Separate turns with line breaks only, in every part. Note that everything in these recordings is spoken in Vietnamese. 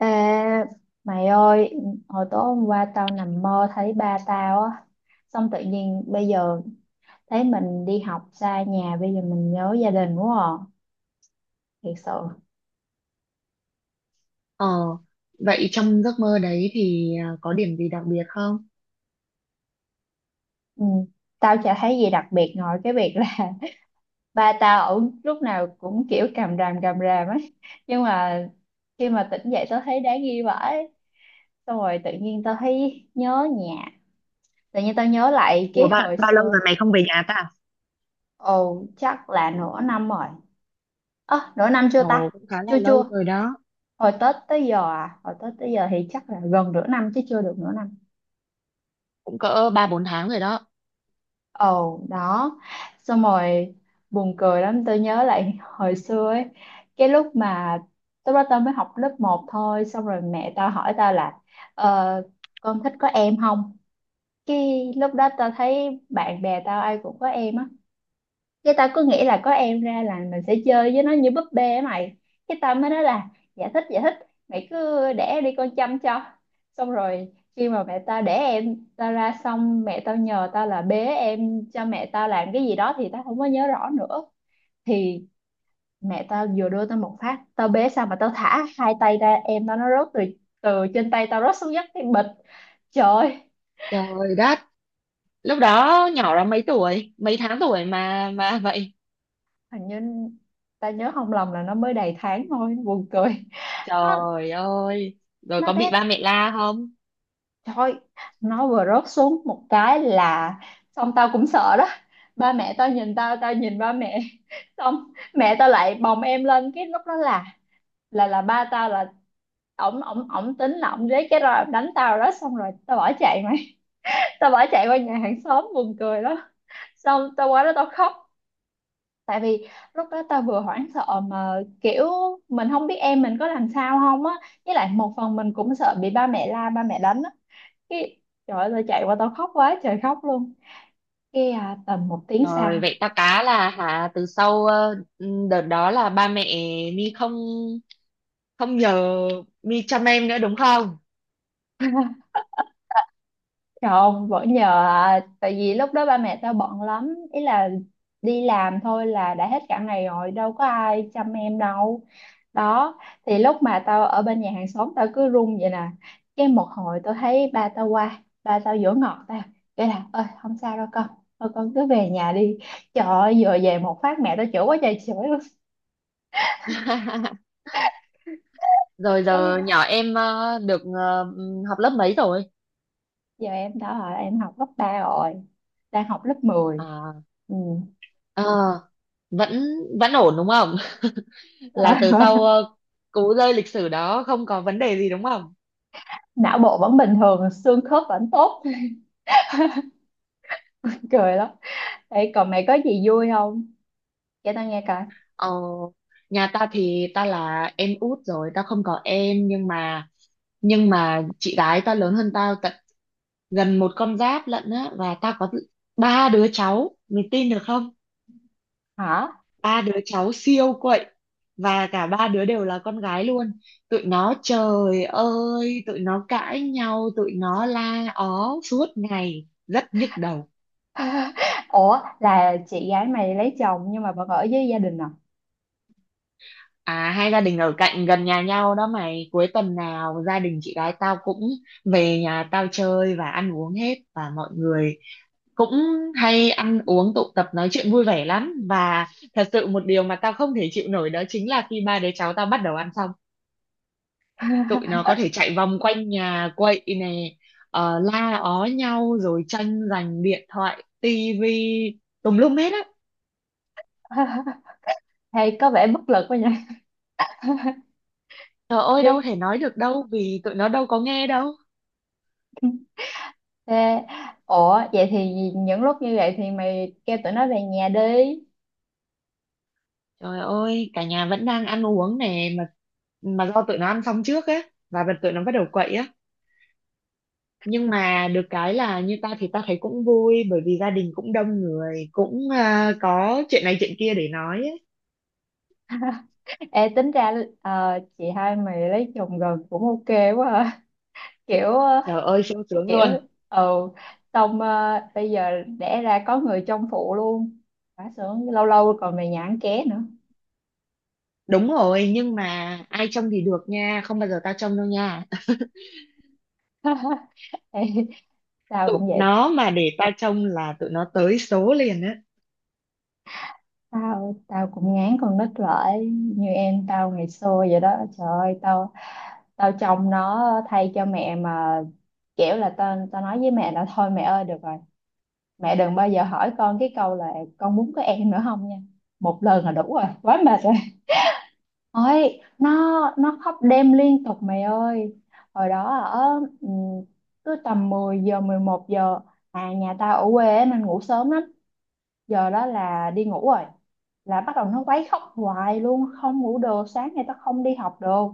Ê, mày ơi, hồi tối hôm qua tao nằm mơ thấy ba tao á, xong tự nhiên bây giờ thấy mình đi học xa nhà, bây giờ mình nhớ gia đình quá à, thiệt sự.
Ờ, vậy trong giấc mơ đấy thì có điểm gì đặc biệt không?
Ừ. Tao chả thấy gì đặc biệt ngoài cái việc là ba tao ở lúc nào cũng kiểu càm ràm ấy, nhưng mà khi mà tỉnh dậy tao thấy đáng ghi vãi, xong rồi tự nhiên tao thấy nhớ nhà, tự nhiên tao nhớ lại
Ủa
cái
bạn,
hồi
bao lâu
xưa.
rồi mày không về nhà ta?
Ồ, chắc là nửa năm rồi. Ơ, nửa năm chưa
Ồ,
ta?
cũng khá là
Chưa
lâu
chưa.
rồi đó,
Hồi Tết tới giờ à? Hồi Tết tới giờ thì chắc là gần nửa năm chứ chưa được nửa năm.
cũng cỡ ba bốn tháng rồi đó.
Ồ, đó. Xong rồi buồn cười lắm. Tôi nhớ lại hồi xưa ấy. Cái lúc mà Lúc đó tao mới học lớp 1 thôi. Xong rồi mẹ tao hỏi tao là, Ờ, con thích có em không? Cái lúc đó tao thấy bạn bè tao ai cũng có em á, cái tao cứ nghĩ là có em ra là mình sẽ chơi với nó như búp bê á mày, cái tao mới nói là dạ thích dạ thích, mày cứ đẻ đi con chăm cho. Xong rồi khi mà mẹ tao đẻ em tao ra, xong mẹ tao nhờ tao là bế em cho mẹ tao làm cái gì đó thì tao không có nhớ rõ nữa. Thì mẹ tao vừa đưa tao một phát tao bế xong mà tao thả hai tay ra, em tao nó rớt từ từ trên tay tao rớt xuống đất cái bịch. Trời ơi,
Trời đất, lúc đó nhỏ lắm, mấy tuổi, mấy tháng tuổi mà vậy?
hình như tao nhớ không lầm là nó mới đầy tháng thôi, buồn cười. nó
Trời ơi, rồi
nó
có bị
bé.
ba mẹ la không?
Thôi, nó vừa rớt xuống một cái là xong tao cũng sợ đó. Ba mẹ tao nhìn tao, tao nhìn ba mẹ. Xong mẹ tao lại bồng em lên, cái lúc đó là ba tao là ổng ổng ổng tính là ổng lấy cái roi đánh tao đó, xong rồi tao bỏ chạy mày. Tao bỏ chạy qua nhà hàng xóm, buồn cười lắm. Xong tao qua đó tao khóc. Tại vì lúc đó tao vừa hoảng sợ mà kiểu mình không biết em mình có làm sao không á. Với lại một phần mình cũng sợ bị ba mẹ la, ba mẹ đánh á, cái trời ơi tao chạy qua tao khóc quá trời khóc luôn. Cái à, tầm 1 tiếng
Rồi
sau,
vậy ta cá là hả, từ sau đợt đó là ba mẹ mi không không nhờ mi chăm em nữa đúng không?
trời ơi, vẫn nhờ à, tại vì lúc đó ba mẹ tao bận lắm ý, là đi làm thôi là đã hết cả ngày rồi, đâu có ai chăm em đâu. Đó thì lúc mà tao ở bên nhà hàng xóm tao cứ run vậy nè, cái một hồi tao thấy ba tao qua, ba tao dỗ ngọt tao, cái là ơi không sao đâu con, thôi con cứ về nhà đi. Trời ơi vừa về một phát mẹ tao chửi quá trời chửi luôn.
Rồi giờ nhỏ em được học lớp mấy rồi?
Giờ em đã hỏi em học lớp 3 rồi, đang học lớp 10.
À,
Ừ.
ờ, vẫn vẫn ổn đúng không? Là từ sau cú rơi lịch sử đó không có vấn đề gì đúng không?
Não bộ vẫn bình thường, xương khớp vẫn tốt. Cười lắm. Ê, còn mày có gì vui không, kể tao nghe coi.
Ờ, nhà ta thì ta là em út rồi, ta không có em, nhưng mà chị gái ta lớn hơn tao tận gần một con giáp lận á, và ta có ba đứa cháu, mình tin được không?
Hả?
Ba đứa cháu siêu quậy, và cả ba đứa đều là con gái luôn. Tụi nó, trời ơi, tụi nó cãi nhau, tụi nó la ó suốt ngày, rất nhức đầu.
Ủa là chị gái mày lấy chồng nhưng mà vẫn ở với gia đình à?
À, hai gia đình ở cạnh gần nhà nhau đó mày, cuối tuần nào gia đình chị gái tao cũng về nhà tao chơi và ăn uống hết, và mọi người cũng hay ăn uống, tụ tập, nói chuyện vui vẻ lắm. Và thật sự một điều mà tao không thể chịu nổi đó chính là khi ba đứa cháu tao bắt đầu ăn xong, tụi nó có thể chạy vòng quanh nhà quậy nè, la ó nhau, rồi tranh giành điện thoại, tivi tùm lum hết á.
Hay có vẻ bất lực quá nhỉ.
Trời ơi, đâu
Chứ-
thể nói được đâu, vì tụi nó đâu có nghe đâu.
Thế, ủa vậy thì những lúc như vậy thì mày kêu tụi nó về nhà đi.
Trời ơi, cả nhà vẫn đang ăn uống nè, mà do tụi nó ăn xong trước á, và bật tụi nó bắt đầu quậy á. Nhưng mà được cái là như ta thì ta thấy cũng vui, bởi vì gia đình cũng đông người, cũng có chuyện này chuyện kia để nói ấy.
Ê, tính ra chị hai mày lấy chồng gần cũng ok quá à. Kiểu
Trời ơi sung sướng
kiểu
luôn.
ừ, xong bây giờ đẻ ra có người trông phụ luôn, quá sướng, lâu lâu còn mày nhãn ké nữa.
Đúng rồi, nhưng mà ai trông thì được nha, không bao giờ tao trông đâu nha.
Ê, tao
Tụi
cũng vậy.
nó mà để tao trông là tụi nó tới số liền á.
Tao tao cũng ngán con nít lại như em tao ngày xưa vậy đó. Trời ơi tao tao trông nó thay cho mẹ mà, kiểu là tao tao nói với mẹ là thôi mẹ ơi được rồi, mẹ đừng bao giờ hỏi con cái câu là con muốn có em nữa không nha, một lần là đủ rồi, quá mệt. Ôi, nó khóc đêm liên tục mày ơi. Hồi đó ở, ừ, cứ tầm 10 giờ 11 giờ, à nhà tao ở quê á nên ngủ sớm lắm. Giờ đó là đi ngủ rồi. Là bắt đầu nó quấy khóc hoài luôn, không ngủ được, sáng nay tao không đi học được.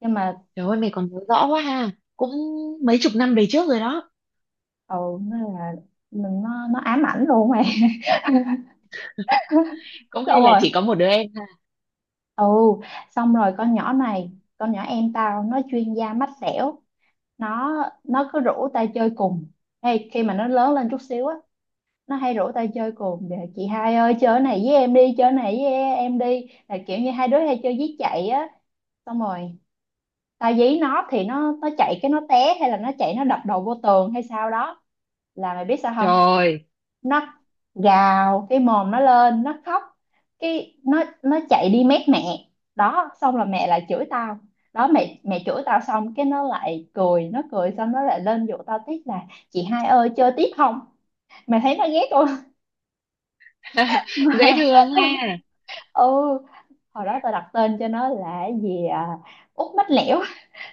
Nhưng mà
Trời ơi, mày còn nhớ rõ quá ha. Cũng mấy chục năm về trước rồi đó.
ừ nó là, mình nó ám ảnh luôn mày.
Cũng hay
Xong
là
rồi.
chỉ có một đứa em ha.
Ừ, xong rồi con nhỏ này, con nhỏ em tao nó chuyên gia mách xẻo. Nó nó cứ rủ tao chơi cùng. Ê, khi mà nó lớn lên chút xíu á, nó hay rủ tao chơi cùng để, chị hai ơi chơi cái này với em đi chơi cái này với em đi, là kiểu như hai đứa hay chơi dí chạy á. Xong rồi tao dí nó thì nó chạy cái nó té, hay là nó chạy nó đập đầu vô tường hay sao đó. Là mày biết sao không,
Trời,
nó gào cái mồm nó lên nó khóc, cái nó chạy đi mét mẹ. Đó xong là mẹ lại chửi tao. Đó mẹ mẹ chửi tao, xong cái nó lại cười, nó cười xong nó lại lên dụ tao tiếp là chị hai ơi chơi tiếp không. Mày thấy nó ghét
dễ thương
không?
ha.
Ừ. Hồi đó tao đặt tên cho nó là cái gì à, út mách lẻo.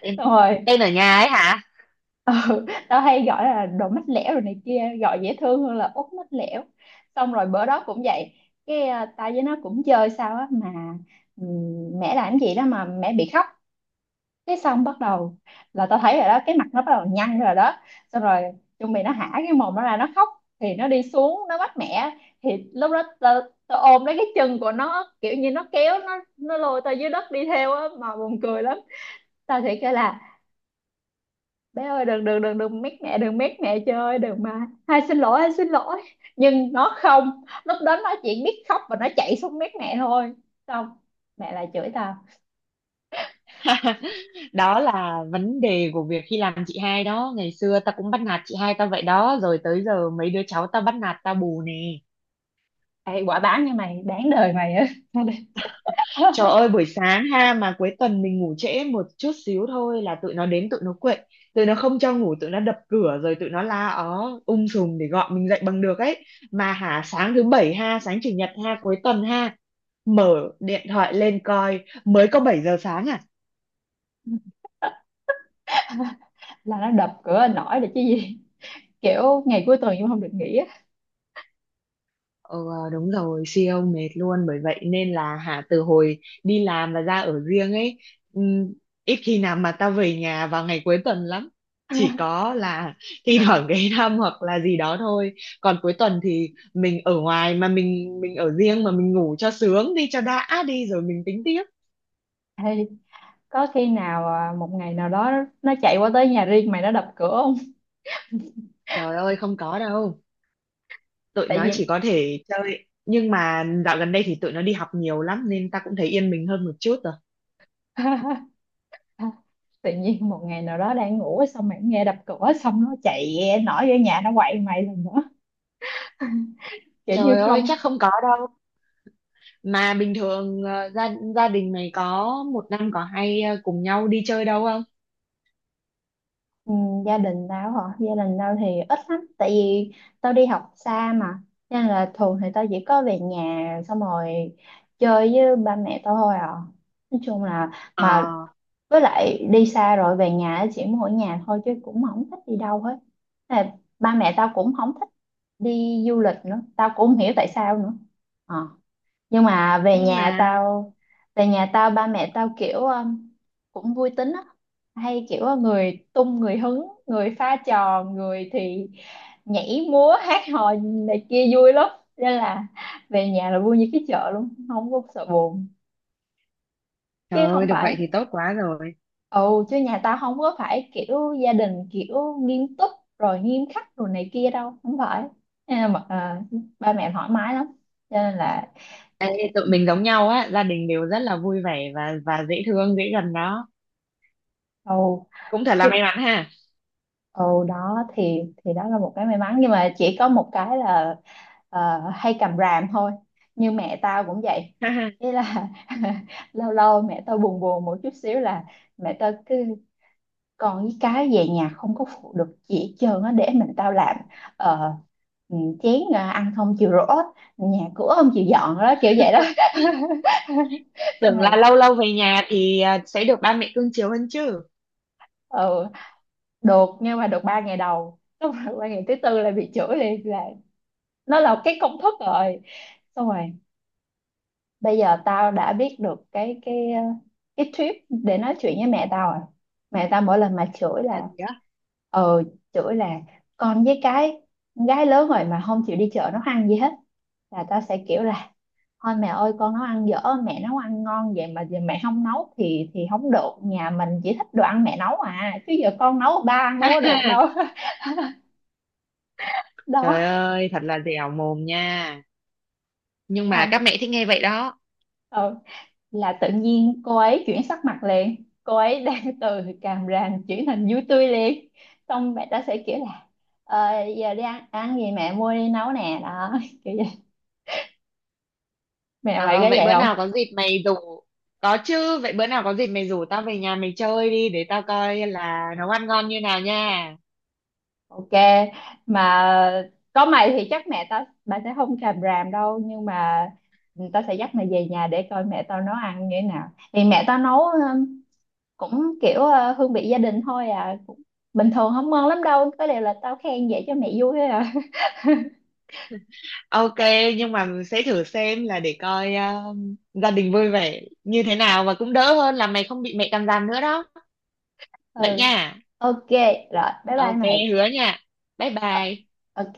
Tên,
Xong rồi,
tên ở nhà ấy hả?
ừ, tao hay gọi là đồ mách lẻo rồi này kia, gọi dễ thương hơn là út mách lẻo. Xong rồi bữa đó cũng vậy, cái à, tao với nó cũng chơi sao á mà, ừ, mẹ làm cái gì đó mà mẹ bị khóc. Cái xong bắt đầu là tao thấy rồi đó, cái mặt nó bắt đầu nhăn rồi đó. Xong rồi chuẩn bị nó hả cái mồm nó ra nó khóc, thì nó đi xuống nó bắt mẹ. Thì lúc đó tao, tao ôm lấy cái chân của nó, kiểu như nó kéo, nó lôi tao dưới đất đi theo á mà, buồn cười lắm. Tao thì kêu là bé ơi đừng đừng đừng đừng mét mẹ, đừng mét mẹ, chơi ơi đừng mà, hai xin lỗi hai xin lỗi. Nhưng nó không, lúc đó nó chỉ biết khóc và nó chạy xuống mét mẹ thôi. Xong mẹ lại chửi tao.
Đó là vấn đề của việc khi làm chị hai đó. Ngày xưa tao cũng bắt nạt chị hai tao vậy đó. Rồi tới giờ mấy đứa cháu tao bắt nạt tao bù nè.
Ê, quả báo như mày đáng đời mày á.
Trời ơi buổi sáng ha, mà cuối tuần mình ngủ trễ một chút xíu thôi là tụi nó đến tụi nó quậy, tụi nó không cho ngủ, tụi nó đập cửa rồi tụi nó la ó sùm để gọi mình dậy bằng được ấy. Mà hả sáng thứ bảy ha, sáng chủ nhật ha, cuối tuần ha, mở điện thoại lên coi mới có 7 giờ sáng à.
Là nó đập cửa nổi là chứ gì. Kiểu ngày cuối tuần cũng không được nghỉ á.
Ờ đúng rồi, siêu mệt luôn, bởi vậy nên là hả từ hồi đi làm và ra ở riêng ấy, ừm, ít khi nào mà tao về nhà vào ngày cuối tuần lắm. Chỉ có là thi thoảng ghé thăm hoặc là gì đó thôi. Còn cuối tuần thì mình ở ngoài, mà mình ở riêng, mà mình ngủ cho sướng đi, cho đã đi, rồi mình tính tiếp.
Ê, có khi nào à, một ngày nào đó nó chạy qua tới nhà riêng mày nó đập cửa không?
Trời ơi không có đâu. Tụi
Tại
nó
vì
chỉ có thể chơi, nhưng mà dạo gần đây thì tụi nó đi học nhiều lắm, nên ta cũng thấy yên mình hơn một chút rồi.
tự nhiên một ngày nào đó đang ngủ xong mày nghe đập cửa xong nó chạy nổi vô nhà nó quậy mày lần nữa. Kiểu như
Trời ơi
không.
chắc không có đâu. Mà bình thường gia gia đình mày có một năm có hay cùng nhau đi chơi đâu không?
Ừ, gia đình tao hả? Gia đình tao thì ít lắm tại vì tao đi học xa mà, nên là thường thì tao chỉ có về nhà xong rồi chơi với ba mẹ tao thôi à, nói chung là, mà
Ờ,
với lại đi xa rồi về nhà á, chỉ muốn ở nhà thôi chứ cũng không thích đi đâu hết. Thế là ba mẹ tao cũng không thích đi du lịch nữa, tao cũng không hiểu tại sao nữa. Ờ. Nhưng mà về
nhưng
nhà
mà
tao về nhà tao ba mẹ tao kiểu cũng vui tính á, hay kiểu người tung người hứng, người pha trò, người thì nhảy múa hát hò này kia vui lắm, nên là về nhà là vui như cái chợ luôn, không có sợ buồn. Chứ
trời ơi,
không
được vậy
phải.
thì tốt quá rồi.
Ồ, chứ nhà tao không có phải kiểu gia đình kiểu nghiêm túc rồi nghiêm khắc rồi này kia đâu, không phải. À, mà, à, ba mẹ thoải mái lắm. Cho nên là
Ê, tụi mình giống nhau á, gia đình đều rất là vui vẻ, và dễ thương, dễ gần đó.
ồ
Cũng thật là
chứ
may mắn ha.
ồ đó thì đó là một cái may mắn nhưng mà chỉ có một cái là hay cầm ràm thôi. Như mẹ tao cũng vậy. Ý là lâu lâu mẹ tao buồn buồn một chút xíu là mẹ tao cứ, còn cái về nhà không có phụ được gì hết trơn á, để mình tao làm. ờ, ừ, chén à, ăn không chịu rửa, nhà cửa không chịu dọn đó kiểu vậy đó. Xong
Tưởng
rồi,
là lâu lâu về nhà thì sẽ được ba mẹ cưng chiều hơn chứ.
ừ, được nhưng mà được 3 ngày đầu, xong rồi ba ngày thứ tư là bị chửi liền, là nó là cái công thức rồi. Xong rồi bây giờ tao đã biết được cái tip để nói chuyện với mẹ tao rồi. Mẹ tao mỗi lần mà chửi
Là
là
gì đó.
ờ chửi là con với cái, con gái lớn rồi mà không chịu đi chợ nấu ăn gì hết. Là tao sẽ kiểu là thôi mẹ ơi con nấu ăn dở, mẹ nấu ăn ngon vậy mà giờ mẹ không nấu thì không được, nhà mình chỉ thích đồ ăn mẹ nấu à, chứ giờ con nấu ba ăn đâu có được đâu.
Trời
Đó,
ơi, thật là dẻo mồm nha. Nhưng mà các
xong
mẹ thích nghe vậy đó.
ừ là tự nhiên cô ấy chuyển sắc mặt liền, cô ấy đang từ càm ràm chuyển thành vui tươi liền. Xong mẹ ta sẽ kiểu là ờ, giờ đi ăn ăn gì mẹ mua đi nấu nè đó. Kiểu vậy. Mẹ mày
À,
có
vậy
vậy
bữa
không?
nào có dịp mày rủ Có chứ, vậy bữa nào có dịp mày rủ tao về nhà mày chơi đi để tao coi là nấu ăn ngon như nào nha.
Ok, mà có mày thì chắc mẹ tao bà sẽ không càm ràm đâu, nhưng mà tao sẽ dắt mày về nhà để coi mẹ tao nấu ăn như thế nào. Thì mẹ tao nấu cũng kiểu hương vị gia đình thôi à, cũng bình thường không ngon lắm đâu, có điều là tao khen vậy cho mẹ vui thôi à.
OK, nhưng mà sẽ thử xem là để coi gia đình vui vẻ như thế nào, và cũng đỡ hơn là mày không bị mẹ cằn nhằn nữa đó. Vậy
Ừ.
nha.
Ok, rồi, bye bye
OK,
mày.
hứa nha. Bye
Ờ,
bye.
Ok.